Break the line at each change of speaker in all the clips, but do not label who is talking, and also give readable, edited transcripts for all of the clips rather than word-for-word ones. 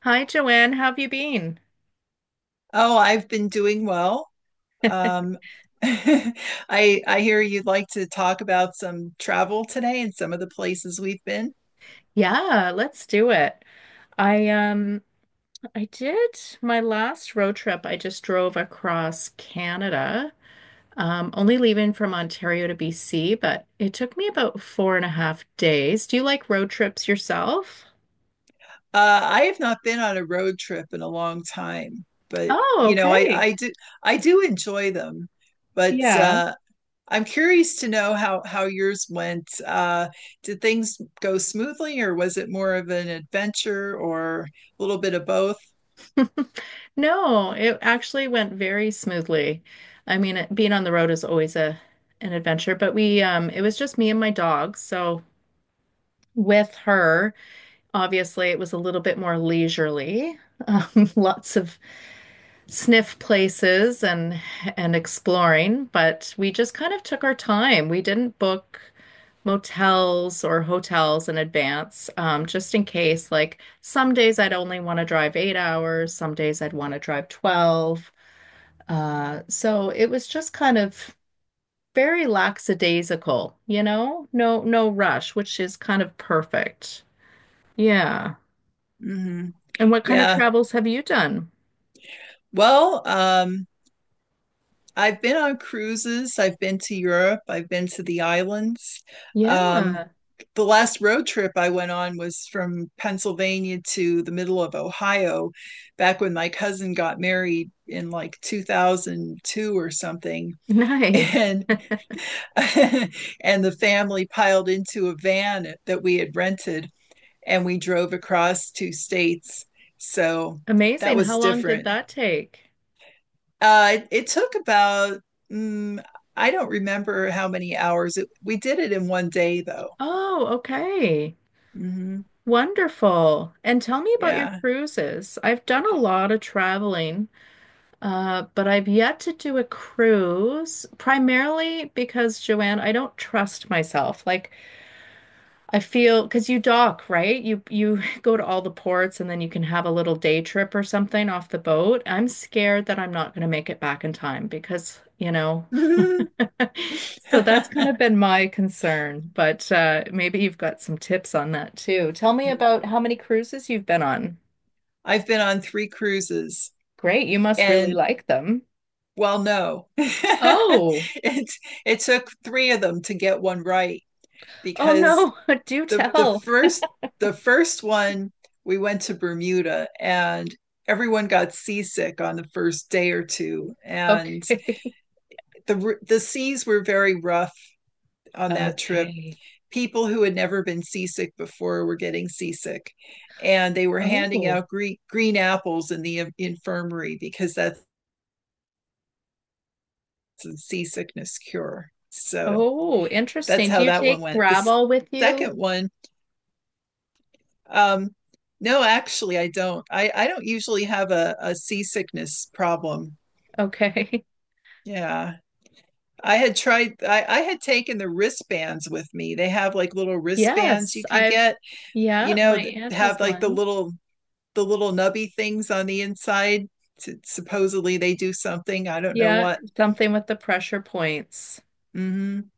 Hi, Joanne. How have you been?
Oh, I've been doing well. Um, I hear you'd like to talk about some travel today and some of the places we've been.
Yeah, let's do it. I I did my last road trip. I just drove across Canada, only leaving from Ontario to BC, but it took me about 4.5 days. Do you like road trips yourself?
I have not been on a road trip in a long time, but
Oh,
you know,
okay.
I do enjoy them. But
Yeah.
I'm curious to know how yours went. Did things go smoothly, or was it more of an adventure, or a little bit of both?
No, it actually went very smoothly. I mean, being on the road is always a an adventure, but we it was just me and my dog, so with her. Obviously, it was a little bit more leisurely. Lots of sniff places and exploring, but we just kind of took our time. We didn't book motels or hotels in advance, just in case. Like some days I'd only want to drive 8 hours, some days I'd want to drive 12. So it was just kind of very lackadaisical, you know? No, no rush, which is kind of perfect. Yeah.
Hmm.
And what kind of
Yeah.
travels have you done?
Well, I've been on cruises. I've been to Europe. I've been to the islands. Um,
Yeah,
the last road trip I went on was from Pennsylvania to the middle of Ohio, back when my cousin got married in like 2002 or something.
nice.
And and the family piled into a van that we had rented and we drove across two states. So that
Amazing. How
was
long did
different.
that take?
It took about, mm, I don't remember how many hours. It, we did it in one day, though.
Oh, okay.
Hmm.
Wonderful. And tell me about your
Yeah.
cruises. I've done a lot of traveling, but I've yet to do a cruise, primarily because, Joanne, I don't trust myself. Like I feel because you dock, right? You go to all the ports and then you can have a little day trip or something off the boat. I'm scared that I'm not going to make it back in time because, you know, so that's kind
i
of been my concern, but maybe you've got some tips on that too. Tell me about how many cruises you've been on.
I've been on three cruises
Great, you must really
and
like them.
well, no.
Oh,
It took three of them to get one right
oh
because
no, do
the the
tell.
first the first one we went to Bermuda and everyone got seasick on the first day or two, and
Okay.
the seas were very rough on that trip.
Okay.
People who had never been seasick before were getting seasick, and they were handing
Oh,
out green, green apples in the infirmary, because that's the seasickness cure. So
oh,
that's
interesting. Do
how
you
that one
take
went. The
gravel with you?
second one, Um, no, actually, I don't. I don't usually have a seasickness problem.
Okay.
Yeah. I had taken the wristbands with me. They have like little wristbands you
Yes,
could
I've,
get, you
yeah,
know,
my
that
aunt has
have like the
one.
little, the little nubby things on the inside. Supposedly they do something. I don't know
Yeah,
what.
something with the pressure points.
Hmm.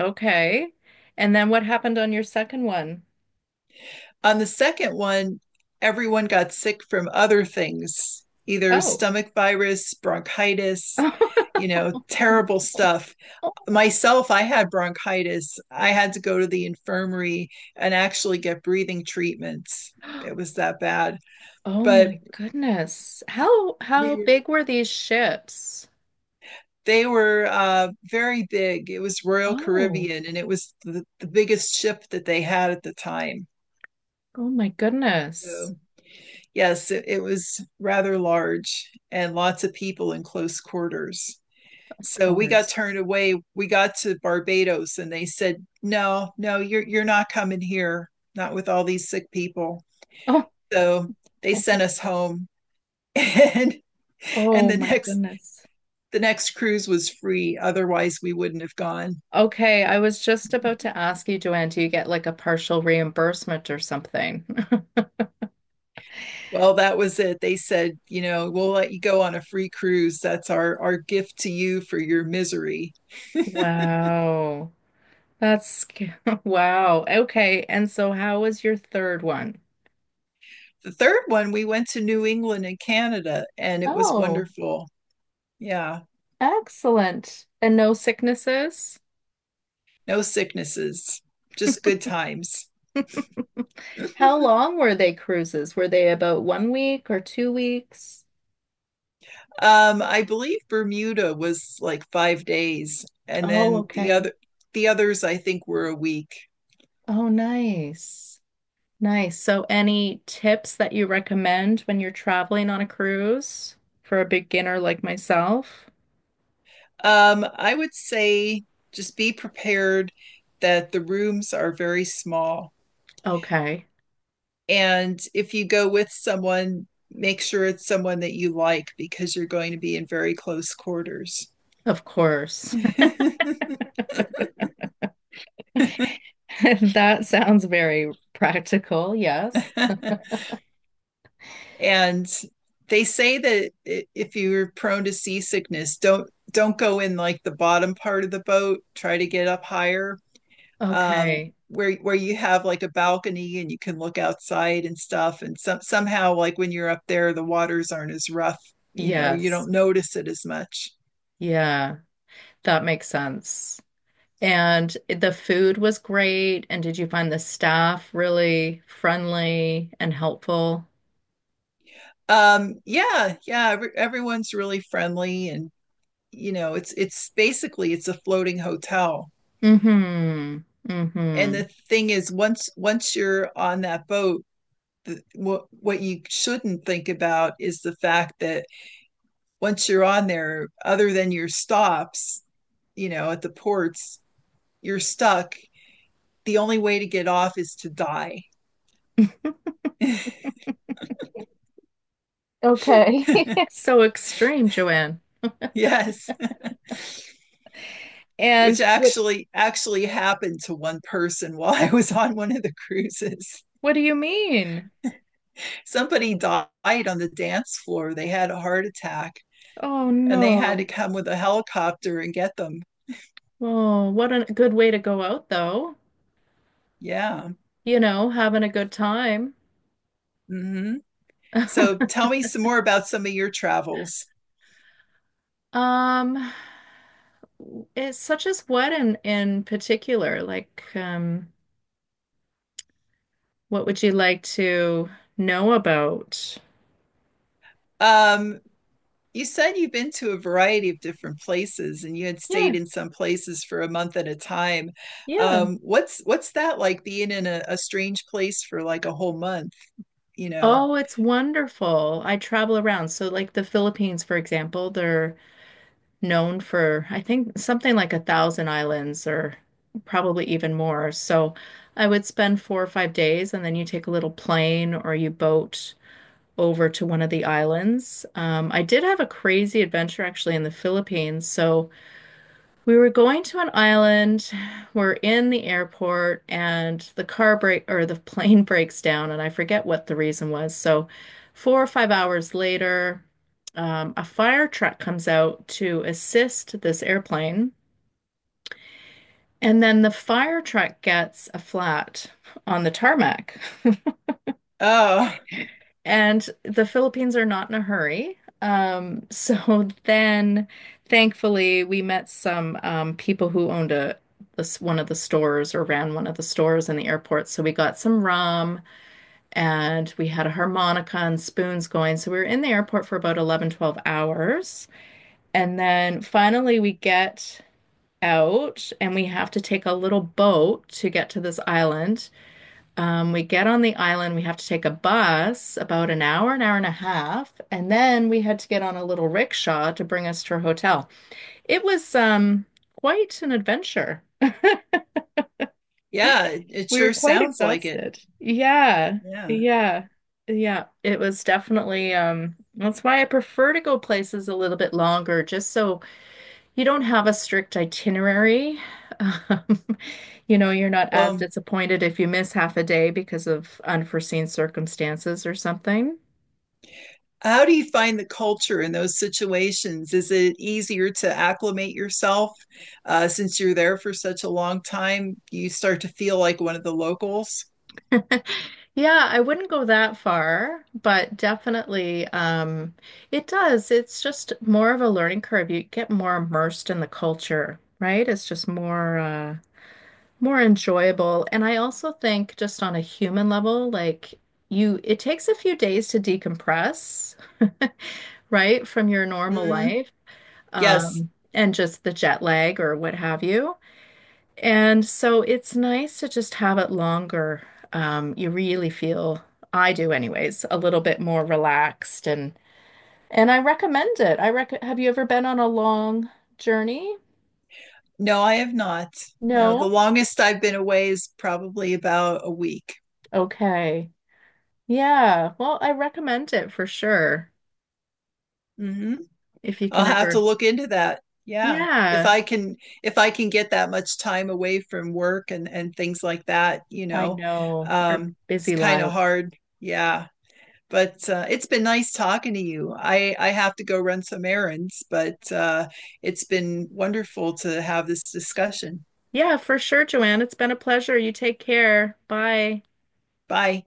Okay. And then what happened on your second one?
On the second one, everyone got sick from other things, either
Oh.
stomach virus, bronchitis, you know, terrible stuff. Myself, I had bronchitis. I had to go to the infirmary and actually get breathing treatments. It was that bad.
Oh
But
my goodness. How
we were,
big were these ships?
they were very big. It was Royal
Oh.
Caribbean, and it was the biggest ship that they had at the time.
Oh my goodness.
So, yes, it was rather large, and lots of people in close quarters.
Of
So we got
course.
turned away. We got to Barbados, and they said, "No, no, you're not coming here. Not with all these sick people."
Oh.
So they sent us home and and
Oh
the
my
next
goodness.
the next cruise was free. Otherwise we wouldn't have gone.
Okay, I was just about to ask you, Joanne, do you get like a partial reimbursement or something?
Well, that was it. They said, you know, we'll let you go on a free cruise. That's our gift to you for your misery.
Wow. That's wow. Okay, and so how was your third one?
The third one, we went to New England and Canada, and it was
Oh,
wonderful. Yeah.
excellent. And no sicknesses?
No sicknesses, just good times. um,
How long were they cruises? Were they about one week or 2 weeks?
I believe Bermuda was like 5 days, and
Oh,
then the
okay.
other the others I think were a week.
Oh, nice. Nice. So, any tips that you recommend when you're traveling on a cruise for a beginner like myself?
I would say just be prepared that the rooms are very small.
Okay,
And if you go with someone, make sure it's someone that you like, because you're going to be in very close quarters.
of course. That sounds very practical. Yes.
And they say that if you're prone to seasickness, don't go in like the bottom part of the boat, try to get up higher, um,
Okay.
where you have like a balcony and you can look outside and stuff. And somehow like when you're up there, the waters aren't as rough. You know, you
Yes.
don't notice it as much.
Yeah, that makes sense. And the food was great. And did you find the staff really friendly and helpful?
Yeah, yeah, everyone's really friendly and, you know, it's basically it's a floating hotel.
Mm-hmm.
And
Mm-hmm.
the thing is, once you're on that boat, the, what you shouldn't think about is the fact that once you're on there, other than your stops, you know, at the ports, you're stuck. The only way to get off is to die.
Okay. So extreme, Joanne.
Yes,
And
which
what
actually happened to one person while I was on one of the cruises.
what do you mean?
Somebody died on the dance floor. They had a heart attack,
Oh
and they had to
no.
come with a helicopter and get them.
Oh, what a good way to go out though.
Yeah.
You know, having a good time.
Mm-hmm. So tell me some more about some of your travels.
Um, it's such as what in particular? Like, what would you like to know about?
Um, You said you've been to a variety of different places and you had stayed
Yeah,
in some places for a month at a time.
yeah.
What's that like being in a strange place for like a whole month, you know?
Oh, it's wonderful. I travel around. So, like the Philippines, for example, they're known for, I think, something like a thousand islands or probably even more. So, I would spend 4 or 5 days and then you take a little plane or you boat over to one of the islands. I did have a crazy adventure actually in the Philippines. So, we were going to an island. We're in the airport and the car break or the plane breaks down and I forget what the reason was. So 4 or 5 hours later, a fire truck comes out to assist this airplane. And then the fire truck gets a flat on the tarmac.
Oh,
And the Philippines are not in a hurry. So then, thankfully, we met some people who owned a this one of the stores or ran one of the stores in the airport. So we got some rum and we had a harmonica and spoons going. So we were in the airport for about 11, 12 hours. And then finally we get out and we have to take a little boat to get to this island. We get on the island, we have to take a bus about an hour and a half, and then we had to get on a little rickshaw to bring us to our hotel. It was quite an adventure.
yeah, it
We were
sure
quite
sounds like it.
exhausted. Yeah,
Yeah.
yeah, yeah. It was definitely that's why I prefer to go places a little bit longer, just so you don't have a strict itinerary. Um, you know, you're not as
Well,
disappointed if you miss half a day because of unforeseen circumstances or something.
how do you find the culture in those situations? Is it easier to acclimate yourself, since you're there for such a long time? You start to feel like one of the locals.
Yeah, I wouldn't go that far, but definitely it does. It's just more of a learning curve. You get more immersed in the culture, right? It's just more more enjoyable. And I also think just on a human level, like it takes a few days to decompress right, from your normal
Hmm.
life.
Yes.
And just the jet lag or what have you. And so it's nice to just have it longer. You really feel, I do anyways, a little bit more relaxed and I recommend it. I rec Have you ever been on a long journey?
No, I have not. No, the
No?
longest I've been away is probably about a week.
Okay. Yeah. Well, I recommend it for sure.
Hmm.
If you
I'll
can
have to
ever.
look into that. Yeah. If
Yeah,
I can get that much time away from work and things like that, you
I
know.
know. Our
It's
busy
kind of
lives.
hard. Yeah. But it's been nice talking to you. I have to go run some errands, but it's been wonderful to have this discussion.
Yeah, for sure, Joanne. It's been a pleasure. You take care. Bye.
Bye.